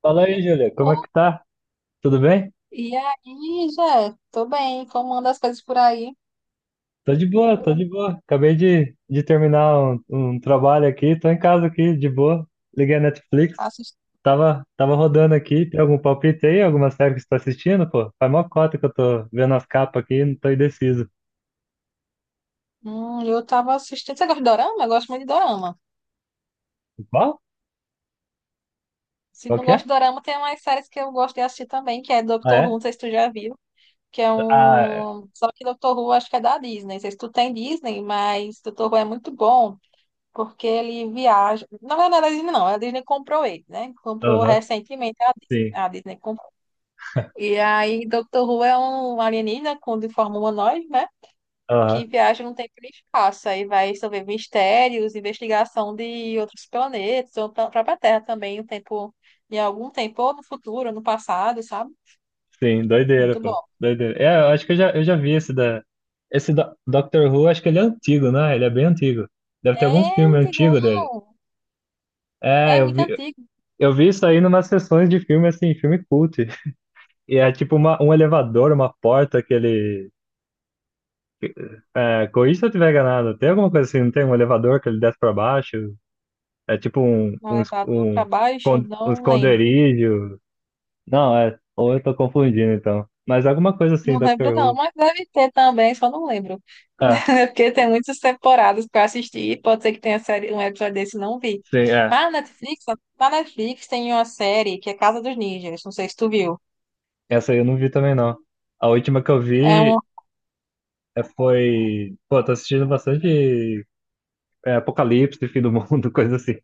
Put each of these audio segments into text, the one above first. Fala aí, Júlia, como é Oh, que tá? Tudo bem? e aí, Jé? Tô bem. Como anda as coisas por aí? Tô de boa, tô de boa. Acabei de terminar um trabalho aqui, tô em casa aqui, de boa. Liguei a Netflix, Assist... tava rodando aqui. Tem algum palpite aí? Alguma série que você tá assistindo, pô? Faz mó cota que eu tô vendo as capas aqui, e não tô indeciso. Eu tava assistindo. Você gosta de dorama? Eu gosto muito de dorama. Qual? Se Qual não que é? gosta de dorama, tem umas séries que eu gosto de assistir também, que é Ah, Doctor Who, é? não sei se tu já viu. Que é Ah, é. um. Só que Doctor Who acho que é da Disney. Não sei se tu tem Disney, mas Doctor Who é muito bom, porque ele viaja. Na verdade, não é da Disney, não. A Disney comprou ele, né? Comprou Aham, recentemente a Disney. sim. A Disney comprou. E aí, Doctor Who é um alienígena com de forma humanoide, né? Aham, Que viaja no tempo e no espaço. Aí vai resolver mistérios, investigação de outros planetas, ou pra própria Terra também, em algum tempo, ou no futuro, ou no passado, sabe? sim, doideira, Muito pô. bom. Doideira. É, eu acho que eu já vi esse da... Esse do Doctor Who, acho que ele é antigo, né? Ele é bem antigo. Deve ter algum É filme antigão, antigo dele. É, é muito antigo. eu vi isso aí numas sessões de filme, assim, filme cult. E é tipo um elevador, uma porta que ele. É, corrija se eu tiver enganado. Tem alguma coisa assim, não tem um elevador que ele desce pra baixo? É tipo No elevador para um, baixo, um não lembro. esconderijo. Não, é. Ou eu tô confundindo então. Mas alguma coisa assim, Não lembro Doctor não, Who. mas deve ter também, só não lembro. Ah, Porque tem muitas temporadas para assistir, pode ser que tenha série, um episódio desse, e não vi. sim, é. Mas na Netflix tem uma série que é Casa dos Ninjas, não sei se tu viu. Essa aí eu não vi também não. A última que eu É vi uma é, foi. Pô, tô assistindo bastante é, Apocalipse, Fim do Mundo, coisa assim.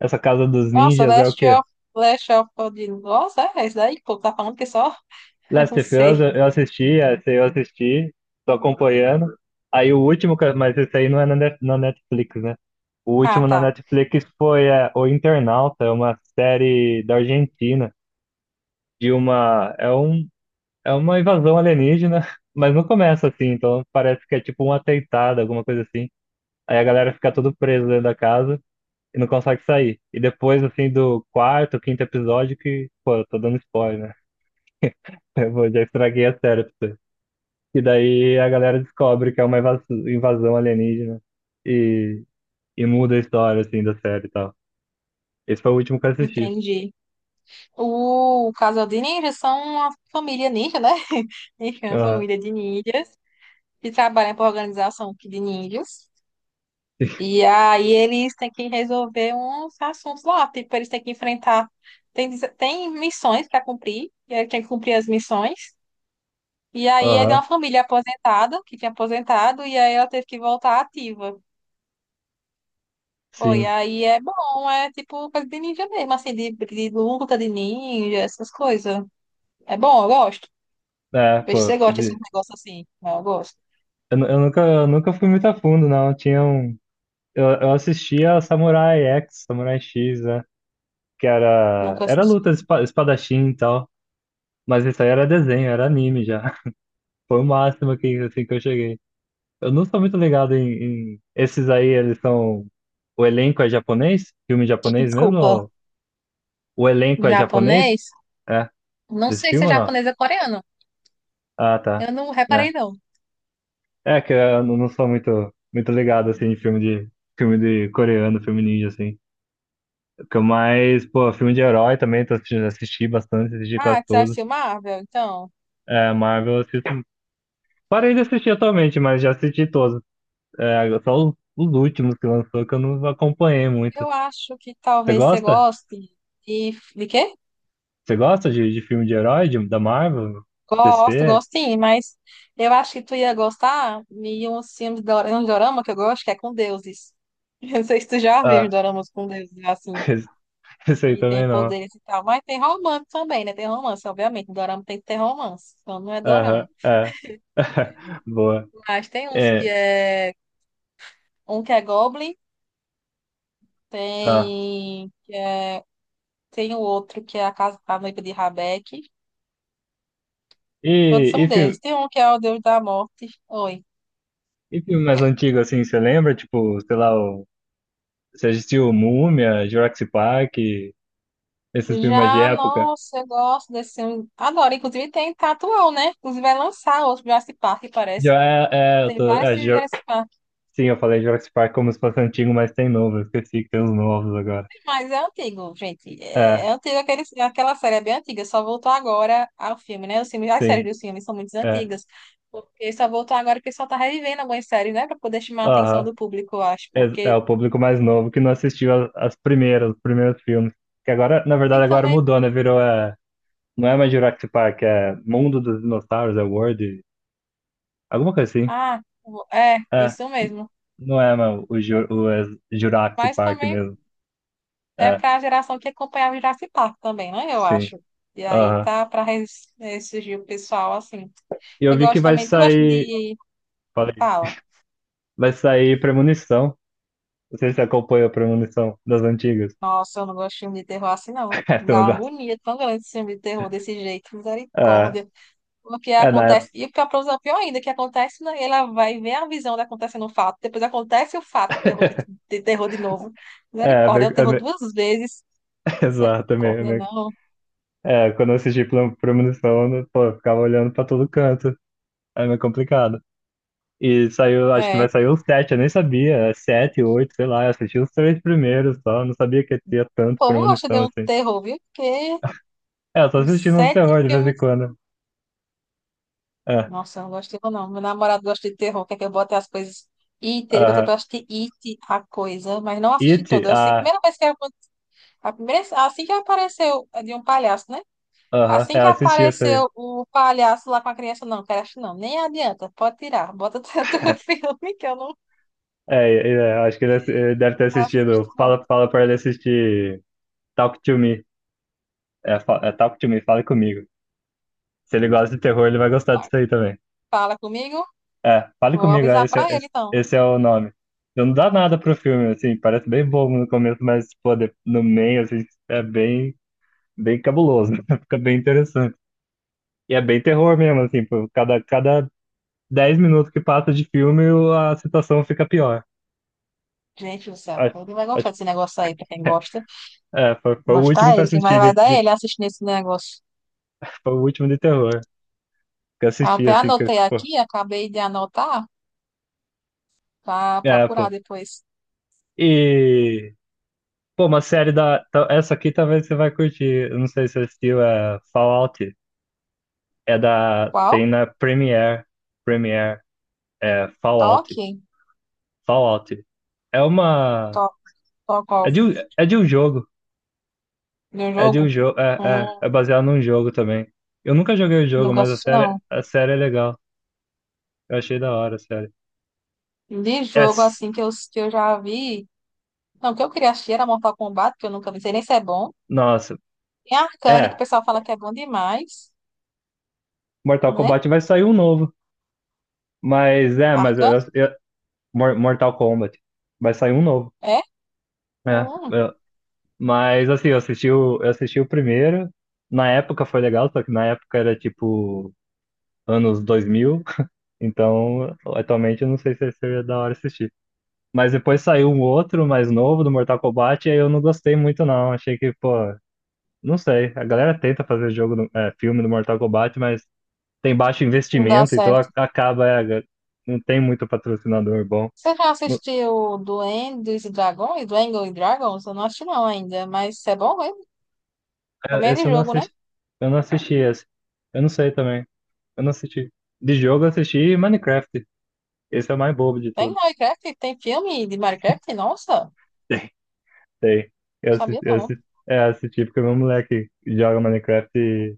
Essa Casa dos Nossa, Ninjas é o Last quê? of, Last of the Nossa, é esse daí, pô, tá falando que é só? Eu Last não of Us, sei. eu assisti, essa eu assisti, tô acompanhando. Aí o último, mas esse aí não é na na Netflix, né? O Ah, último na tá. Netflix foi é, O Internauta, é uma série da Argentina, de uma, é um, é uma invasão alienígena, mas não começa assim, então parece que é tipo um atentado, alguma coisa assim. Aí a galera fica todo presa dentro da casa e não consegue sair. E depois, assim, do quarto, quinto episódio, que, pô, eu tô dando spoiler, né? Já estraguei a série pra você. E daí a galera descobre que é uma invasão alienígena e, e muda a história, assim, da série e tal. Esse foi o último que eu assisti. Entendi. O casal de ninjas são uma família ninja, né? Ninja é uma Aham, família de ninjas que trabalham para organização aqui de ninjas. E aí eles têm que resolver uns assuntos lá. Tipo, eles têm que enfrentar. Tem, tem missões para cumprir. E aí tem que cumprir as missões. E aí é de aham, uma família aposentada, que tinha aposentado, e aí ela teve que voltar ativa. Foi, sim. aí é bom, é tipo coisa de ninja mesmo, assim, de luta de ninja, essas coisas. É bom, eu gosto. É, Vejo se pô, você gosta desse negócio assim. Não, eu gosto. Eu nunca fui muito a fundo, não. Tinha um, eu assistia Samurai X, Samurai X, né? Que era, Nunca era assisti. luta de espadachim e tal. Mas isso aí era desenho, era anime já. Foi o máximo que, assim, que eu cheguei. Eu não sou muito ligado em, esses aí, eles são. O elenco é japonês? Filme japonês mesmo? Desculpa, Ou... O elenco é japonês? japonês? É, Não desse sei se é filme ou não? japonês ou coreano. Ah, tá. Eu não reparei, É, não. é que eu não sou muito ligado, assim, em filme de. Filme de coreano, filme ninja, assim. Que eu mais, pô, filme de herói também, tô assistindo, assisti bastante, assisti Ah, quase que você todos. assistiu Marvel? Então, É, Marvel, eu assisto. Parei de assistir atualmente, mas já assisti todos. É, só os últimos que lançou que eu não acompanhei muito. eu acho que Você talvez você gosta? goste de... De quê? Você gosta de filme de herói, de, da Marvel, Gosto, DC? gosto sim, mas eu acho que tu ia gostar de uns filmes de um dorama que eu gosto, que é com deuses. Eu não sei se tu já viu os Ah, doramas com deuses, assim, esse aí e tem também não. poderes e tal, mas tem romance também, né? Tem romance, obviamente. Dorama tem que ter romance, então não é Aham, dorama. é. Boa. Mas tem uns que É, é. Um que é Goblin, ah. tem. Tem o outro que é a Casa da Noiva de Rabeque. Todos E, e, são filme, deuses. Tem um que é o Deus da Morte. Oi. e filme mais antigo, assim, você lembra? Tipo, sei lá, o, você assistiu Múmia, Jurassic Park, esses filmes mais de Já, época? nossa, eu gosto desse filme. Agora, inclusive, tem tatuão né? Inclusive, vai lançar outro Jurassic Park, parece. Já é, é, eu Tem tô, vários filmes de Jurassic Park, sim, eu falei Jurassic Park como se fosse antigo, mas tem novo, eu esqueci que tem os novos agora. mas é antigo, gente. É, É, é antigo, aquela série é bem antiga, só voltou agora ao filme, né? Os filmes, as séries sim, dos filmes são muito é. antigas, porque só voltou agora porque só tá revivendo algumas séries, né? Pra poder chamar a atenção Aham. do público, eu acho, É, é porque... o público mais novo que não assistiu as primeiras, os primeiros filmes. Que agora, na E verdade, agora também... mudou, né? Virou é, não é mais Jurassic Park, é Mundo dos Dinossauros, é World, alguma coisa assim. Ah, é, É, isso n- mesmo. não é mais o, é Jurassic Mas Park também mesmo. é É, para a geração que acompanhava o Jurassic Park também, né? Eu sim. acho. E aí Aham. tá para ressurgir o pessoal assim. E eu Eu vi que gosto vai também. Tu gosta sair, de. falei, Fala. vai sair Premonição. Não sei se você acompanha a Premonição das antigas. Nossa, eu não gosto de filme de terror assim, não. É, tu não Dá uma gosta. agonia tão grande esse filme de terror desse jeito, É, misericórdia. Porque é na acontece. época. E o pior, coisa pior ainda, que acontece, né? Ela vai ver a visão de acontecendo o fato. Depois acontece o fato, terror de terror de novo. É, é Misericórdia, é o terror meio- duas vezes. exato, é Misericórdia, não. É, quando eu assisti Premonição, eu não- pô, eu ficava olhando pra todo canto. É meio complicado. E saiu, acho que É. vai sair os sete, eu nem sabia. É Sete, oito, sei lá. Eu assisti os três primeiros só. Não sabia que tinha O tanto povo gosta de Premonição um assim. terror, viu? Porque É, eu tô os assistindo uns sete terror de vez em filmes. quando. É, Nossa, eu não gosto de terror, não. Meu namorado gosta de terror, quer que eu bote as coisas. It, ele botou aham. pra eu assistir It, a coisa, mas não assisti It, toda. Assim, ah, a primeira, assim que apareceu é de um palhaço, né? aham. Assim É, que eu assisti essa aí. apareceu o palhaço lá com a criança, não, quero assistir, não. Nem adianta, pode tirar. Bota o teu filme que eu não Acho que ele, ele deve ter assisto, assistido. não. Fala, fala pra ele assistir Talk to Me. É, é Talk to Me, fala comigo. Se ele gosta de terror, ele vai gostar Tá, disso aí também. fala comigo, É, fale vou comigo, é, avisar pra ele, então. esse é o nome. Então, não dá nada pro filme, assim, parece bem bobo no começo, mas, pô, no meio, assim, é bem, bem cabuloso, fica bem interessante. E é bem terror mesmo, assim, pô, cada 10 minutos que passa de filme, a situação fica pior. Gente do céu, Acho, ele vai gostar acho, desse negócio aí, pra quem gosta. é, foi, foi o último Gostar que eu ele, quem mais assisti, vai dar é ele assistindo esse negócio. foi o último de terror que eu assisti, Até assim, que, anotei pô, aqui, acabei de anotar para é, pô. procurar depois. E, pô, uma série da, essa aqui talvez você vai curtir, eu não sei se você assistiu, é Fallout. É da. Qual? Tem na Premiere. Premiere. É Fallout. Toque? Fallout. É uma. To Talk É de, Off. é de um jogo. De É de um jogo? jogo. Hum, É baseado num jogo também. Eu nunca joguei o jogo, nunca mas assisti, não. a série é legal. Eu achei da hora a série. De É, jogo, s- assim, que eu já vi. Não, o que eu queria assistir era Mortal Kombat, que eu nunca vi, não sei nem se é bom. nossa. Tem Arcane, que o É. pessoal fala que é bom demais, Mortal né? Kombat vai sair um novo. Mas é, Arcane? Mortal Kombat. Vai sair um novo. É? É. Hum, eu- mas assim, eu assisti o primeiro. Na época foi legal, só que na época era tipo. anos 2000, então atualmente eu não sei se seria da hora assistir. Mas depois saiu um outro mais novo do Mortal Kombat, e aí eu não gostei muito não, achei que, pô, não sei, a galera tenta fazer jogo, é, filme do Mortal Kombat, mas tem baixo não dá investimento, então certo. Acaba, é, não tem muito patrocinador bom. Você já Não- assistiu Duendes e Dragões? Duendes e Dragons? Eu não assisti, não, ainda. Mas é bom mesmo. Também é Esse de jogo, né? Eu não assisti esse, eu não sei também, eu não assisti. De jogo eu assisti Minecraft, esse é o mais bobo de Tem tudo. Minecraft? Tem filme de Minecraft? Nossa, Sei. Sabia Eu não. assisti, é, assisti porque meu moleque joga Minecraft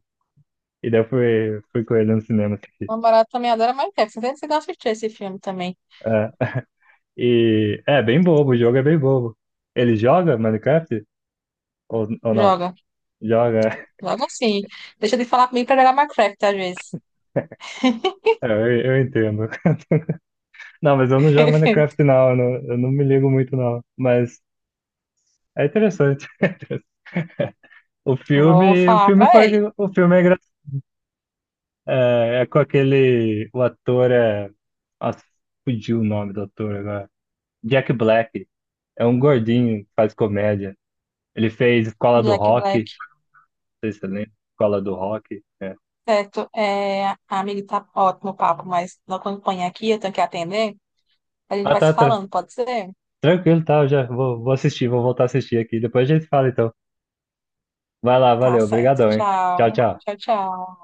e daí eu fui, fui com ele no cinema assistir. Meu namorado também adora Minecraft. Não sei se você assistir esse filme também. É, e é bem bobo, o jogo é bem bobo. Ele joga Minecraft? Ou não? Joga. Joga. Joga sim. Deixa de falar comigo pra jogar Minecraft às vezes. É, eu entendo. Não, mas eu não jogo Minecraft não, eu não, eu não me ligo muito não. Mas é interessante. Vou o falar filme pra foi, ele. o filme é engraçado. É, é com aquele, o ator é, nossa, fugiu o nome do ator agora. Jack Black. É um gordinho que faz comédia. Ele fez Escola do Jack Rock, Black. não sei se você lembra. Escola do Rock. É. Certo. É, amigo, tá ótimo o papo, mas não acompanha aqui, eu tenho que atender. A gente Ah, vai se tá, falando, pode ser? tranquilo, tá. Eu já vou, vou assistir, vou voltar a assistir aqui. Depois a gente fala, então. Vai lá, Tá valeu, certo. obrigadão, hein? Tchau. Tchau, tchau. Tchau, tchau.